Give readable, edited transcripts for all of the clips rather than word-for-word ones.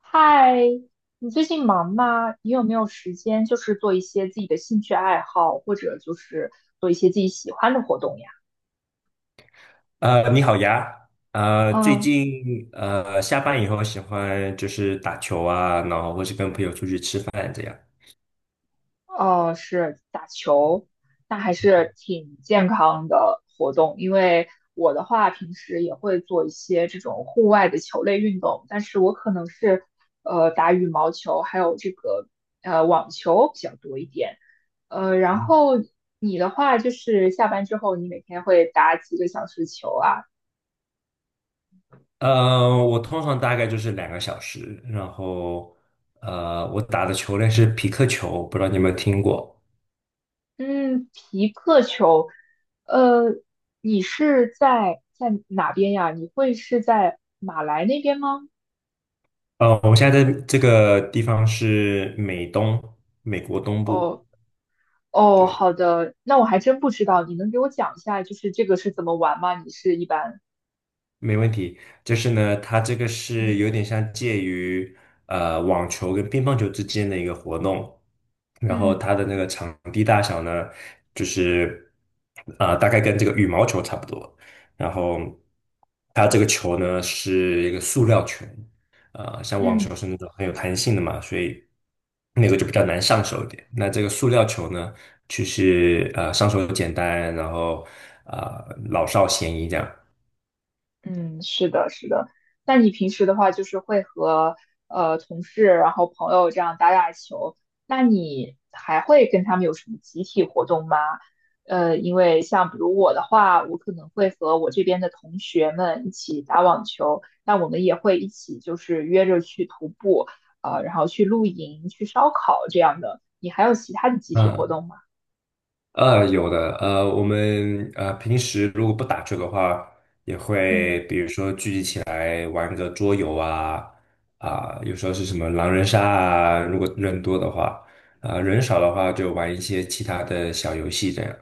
嗨，你最近忙吗？你有没有时间，就是做一些自己的兴趣爱好，或者就是做一些自己喜欢的活动呀？你好呀，最近下班以后喜欢就是打球啊，然后或是跟朋友出去吃饭这样。哦，是打球，那还是挺健康的活动。因为我的话，平时也会做一些这种户外的球类运动，但是我可能是打羽毛球，还有这个网球比较多一点。然后你的话，就是下班之后，你每天会打几个小时球啊？我通常大概就是2个小时，然后我打的球类是匹克球，不知道你有没有听过？嗯，皮克球，呃，你是在哪边呀？你会是在马来那边吗？我现在在这个地方是美东，美国东部，哦，哦，对。好的，那我还真不知道，你能给我讲一下，就是这个是怎么玩吗？你是一般，没问题，就是呢，它这个是嗯有点像介于网球跟乒乓球之间的一个活动，然后嗯它的那个场地大小呢，就是大概跟这个羽毛球差不多，然后它这个球呢是一个塑料球，像网嗯。球是那种很有弹性的嘛，所以那个就比较难上手一点。那这个塑料球呢，就是上手简单，然后老少咸宜这样。嗯，是的，是的。那你平时的话，就是会和同事，然后朋友这样打打球，那你还会跟他们有什么集体活动吗？因为像比如我的话，我可能会和我这边的同学们一起打网球，那我们也会一起就是约着去徒步，然后去露营、去烧烤这样的。你还有其他的集体活嗯。动吗？有的，我们平时如果不打球的话，也会嗯。比如说聚集起来玩个桌游啊，有时候是什么狼人杀啊，如果人多的话，人少的话就玩一些其他的小游戏这样。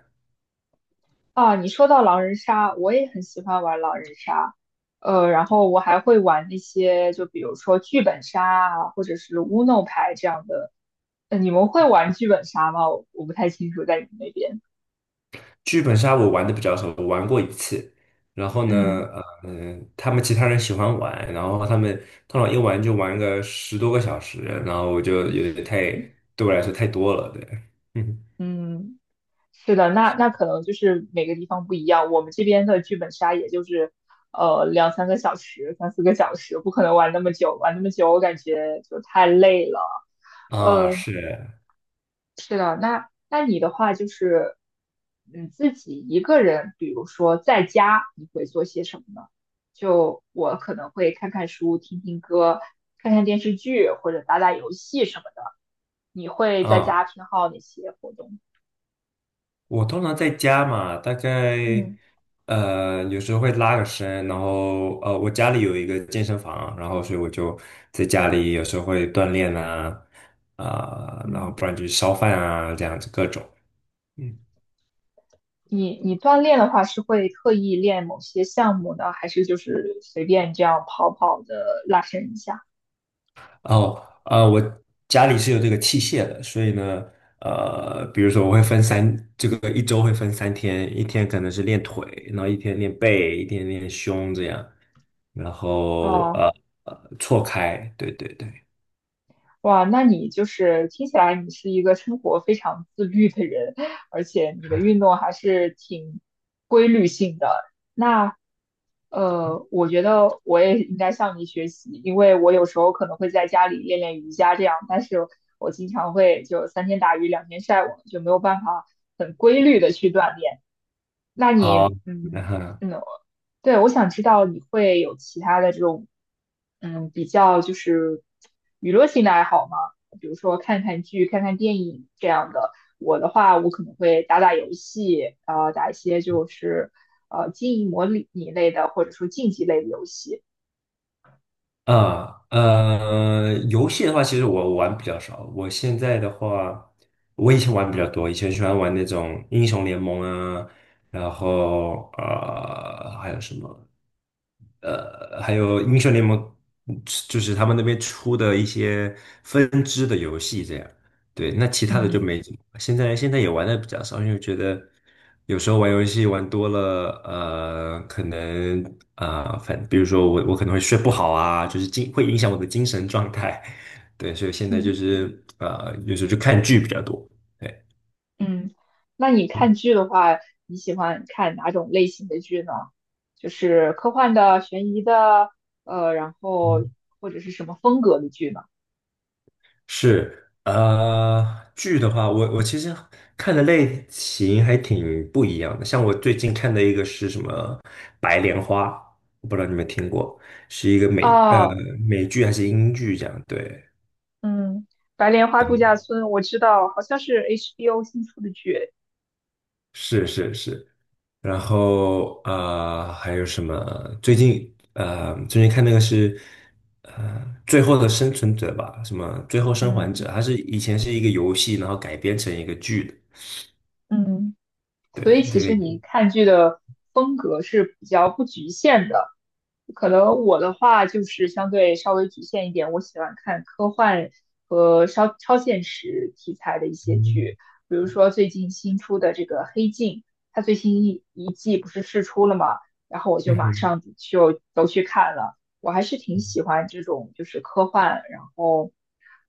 啊，你说到狼人杀，我也很喜欢玩狼人杀，然后我还会玩那些，就比如说剧本杀啊，或者是乌弄牌这样的。你们会玩剧本杀吗？我不太清楚，在你们那边。剧本杀我玩的比较少，我玩过一次，然后呢，嗯他们其他人喜欢玩，然后他们通常一玩就玩个10多个小时，然后我就有点太，对我来说太多了，对。嗯嗯，是的，那那可能就是每个地方不一样。我们这边的剧本杀也就是，两三个小时、三四个小时，不可能玩那么久。玩那么久，我感觉就太累了。啊，呃。是，那你的话就是，你自己一个人，比如说在家，你会做些什么呢？就我可能会看看书、听听歌、看看电视剧或者打打游戏什么的。你会在家啊，偏好哪些活动？我通常在家嘛，大概嗯有时候会拉个伸，然后我家里有一个健身房，然后所以我就在家里有时候会锻炼啊，然后嗯。不然就是烧饭啊这样子各种。嗯。你锻炼的话是会特意练某些项目呢，还是就是随便这样跑跑的拉伸一下？哦，我家里是有这个器械的，所以呢，比如说我会分三，这个一周会分3天，一天可能是练腿，然后一天练背，一天练胸这样，然后哦，错开，对对对，哇，那你就是听起来你是一个生活非常自律的人，而且你的运动还是挺规律性的。那我觉得我也应该向你学习，因为我有时候可能会在家里练练瑜伽这样，但是我经常会就三天打鱼两天晒网，就没有办法很规律的去锻炼。那好，你，然嗯后嗯，对，我想知道你会有其他的这种，嗯，比较就是娱乐性的爱好吗？比如说看看剧、看看电影这样的。我的话，我可能会打打游戏，打一些就是经营模拟类的，或者说竞技类的游戏。游戏的话，其实我玩比较少，我现在的话，我以前玩比较多，以前喜欢玩那种英雄联盟啊，然后还有什么？还有英雄联盟，就是他们那边出的一些分支的游戏这样。对，那其他的就嗯没怎么。现在也玩的比较少，因为觉得有时候玩游戏玩多了，可能啊、呃反比如说我可能会睡不好啊，就是会影响我的精神状态。对，所以现在就嗯是有时候就看剧比较多。对，嗯。那你看嗯剧的话，你喜欢看哪种类型的剧呢？就是科幻的、悬疑的，然后嗯。或者是什么风格的剧呢？是，剧的话，我其实看的类型还挺不一样的。像我最近看的一个是什么《白莲花》，我不知道你们听过，是一个哦，美剧还是英剧这样？对，嗯，《白莲花度假村》我知道，好像是 HBO 新出的剧。是是是。然后还有什么？最近最近看那个是呃《最后的生存者》吧，什么《最后生还者》，嗯它是以前是一个游戏，然后改编成一个剧的。嗯。所以对，其这个实你有，看剧的风格是比较不局限的。可能我的话就是相对稍微局限一点，我喜欢看科幻和超现实题材的一些嗯。剧，比如说最近新出的这个《黑镜》，它最新一季不是试出了嘛，然后我就嗯马哼。上就都去看了。我还是挺喜欢这种就是科幻，然后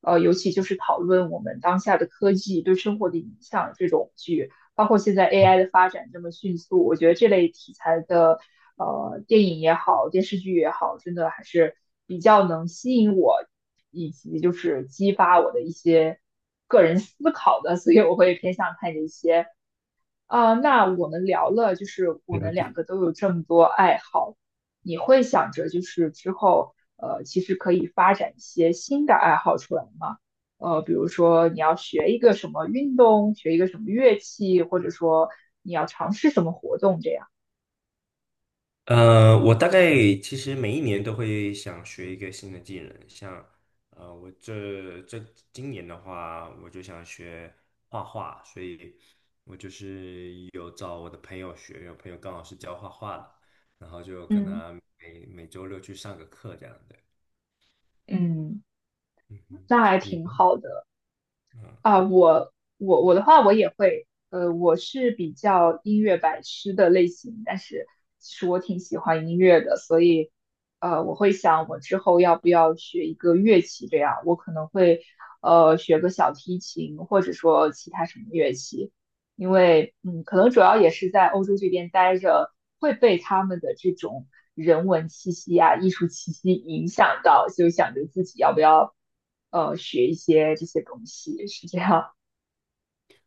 尤其就是讨论我们当下的科技对生活的影响这种剧。包括现在 AI 的发展这么迅速，我觉得这类题材的电影也好，电视剧也好，真的还是比较能吸引我，以及就是激发我的一些个人思考的，所以我会偏向看这些啊、那我们聊了，就是我了们两解。个都有这么多爱好，你会想着就是之后，其实可以发展一些新的爱好出来吗？比如说你要学一个什么运动，学一个什么乐器，或者说你要尝试什么活动这样。我大概其实每一年都会想学一个新的技能，像我这今年的话，我就想学画画，所以我就是有找我的朋友学，有朋友刚好是教画画的，然后就跟嗯。他每周六去上个课这样的。嗯，嗯哼，那还你挺呢。好的。嗯，啊，我的话，我也会，我是比较音乐白痴的类型，但是其实我挺喜欢音乐的，所以，我会想我之后要不要学一个乐器，这样我可能会，学个小提琴，或者说其他什么乐器，因为嗯，可能主要也是在欧洲这边待着，会被他们的这种人文气息啊、艺术气息影响到，就想着自己要不要学一些这些东西，是这样。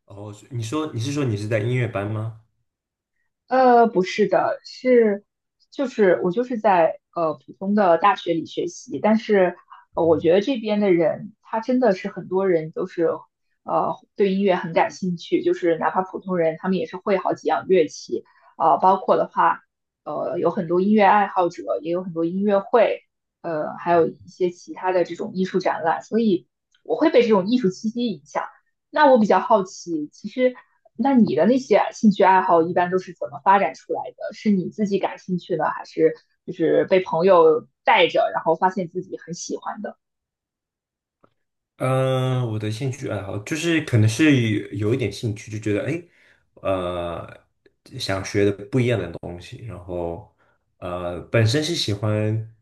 哦，你说你是说你是在音乐班吗？不是的，是就是我就是在普通的大学里学习，但是我觉得这边的人，他真的是很多人都是对音乐很感兴趣，就是哪怕普通人，他们也是会好几样乐器，包括的话，有很多音乐爱好者，也有很多音乐会，还有一些其他的这种艺术展览，所以我会被这种艺术气息影响。那我比较好奇，其实那你的那些兴趣爱好一般都是怎么发展出来的？是你自己感兴趣的，还是就是被朋友带着，然后发现自己很喜欢的？嗯，我的兴趣爱好就是可能是有一点兴趣，就觉得哎，呃，想学的不一样的东西，然后本身是喜欢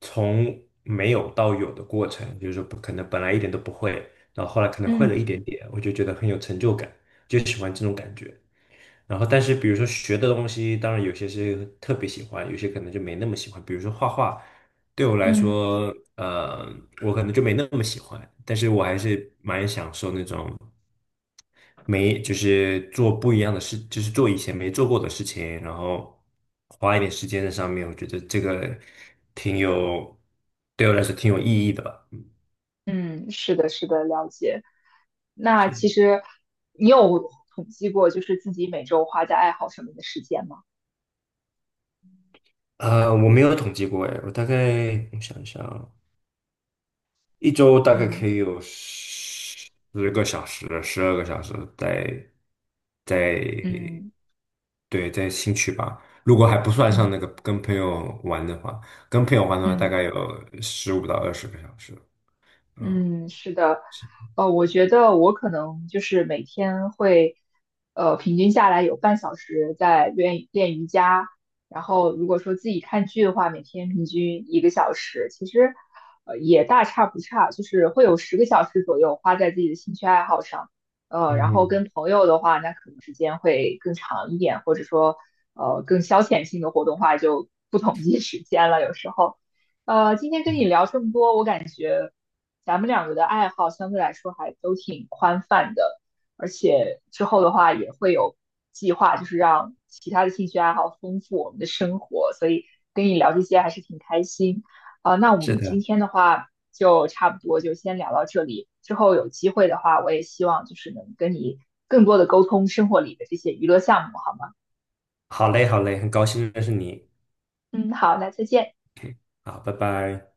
从没有到有的过程，就是说不可能本来一点都不会，然后后来可能会嗯了一点点，我就觉得很有成就感，就喜欢这种感觉。然后，但是比如说学的东西，当然有些是特别喜欢，有些可能就没那么喜欢。比如说画画，对我来嗯说，我可能就没那么喜欢，但是我还是蛮享受那种没，就是做不一样的事，就是做以前没做过的事情，然后花一点时间在上面，我觉得这个挺有，对我来说挺有意义的吧。嗯，嗯，是的，是的，了解。那是，其实你有统计过，就是自己每周花在爱好上面的时间吗？我没有统计过，哎，我大概我想一想。一周大概可嗯以有十个小时、12个小时在嗯对在新区吧。如果还不算上嗯那个跟朋友玩的话，跟朋友玩的话大嗯。概有15到20个小时。嗯，嗯，是的，是。我觉得我可能就是每天会，平均下来有0.5小时在练练瑜伽，然后如果说自己看剧的话，每天平均1个小时，其实，也大差不差，就是会有10个小时左右花在自己的兴趣爱好上，然后嗯，跟朋友的话，那可能时间会更长一点，或者说，更消遣性的活动话就不统计时间了，有时候。今天跟你聊这么多，我感觉。咱们两个的爱好相对来说还都挺宽泛的，而且之后的话也会有计划，就是让其他的兴趣爱好丰富我们的生活，所以跟你聊这些还是挺开心啊、那我是们今的，天的话就差不多就先聊到这里，之后有机会的话，我也希望就是能跟你更多的沟通生活里的这些娱乐项目，好吗？好嘞，好嘞，很高兴认识你。嗯，好，那再见。好，拜拜。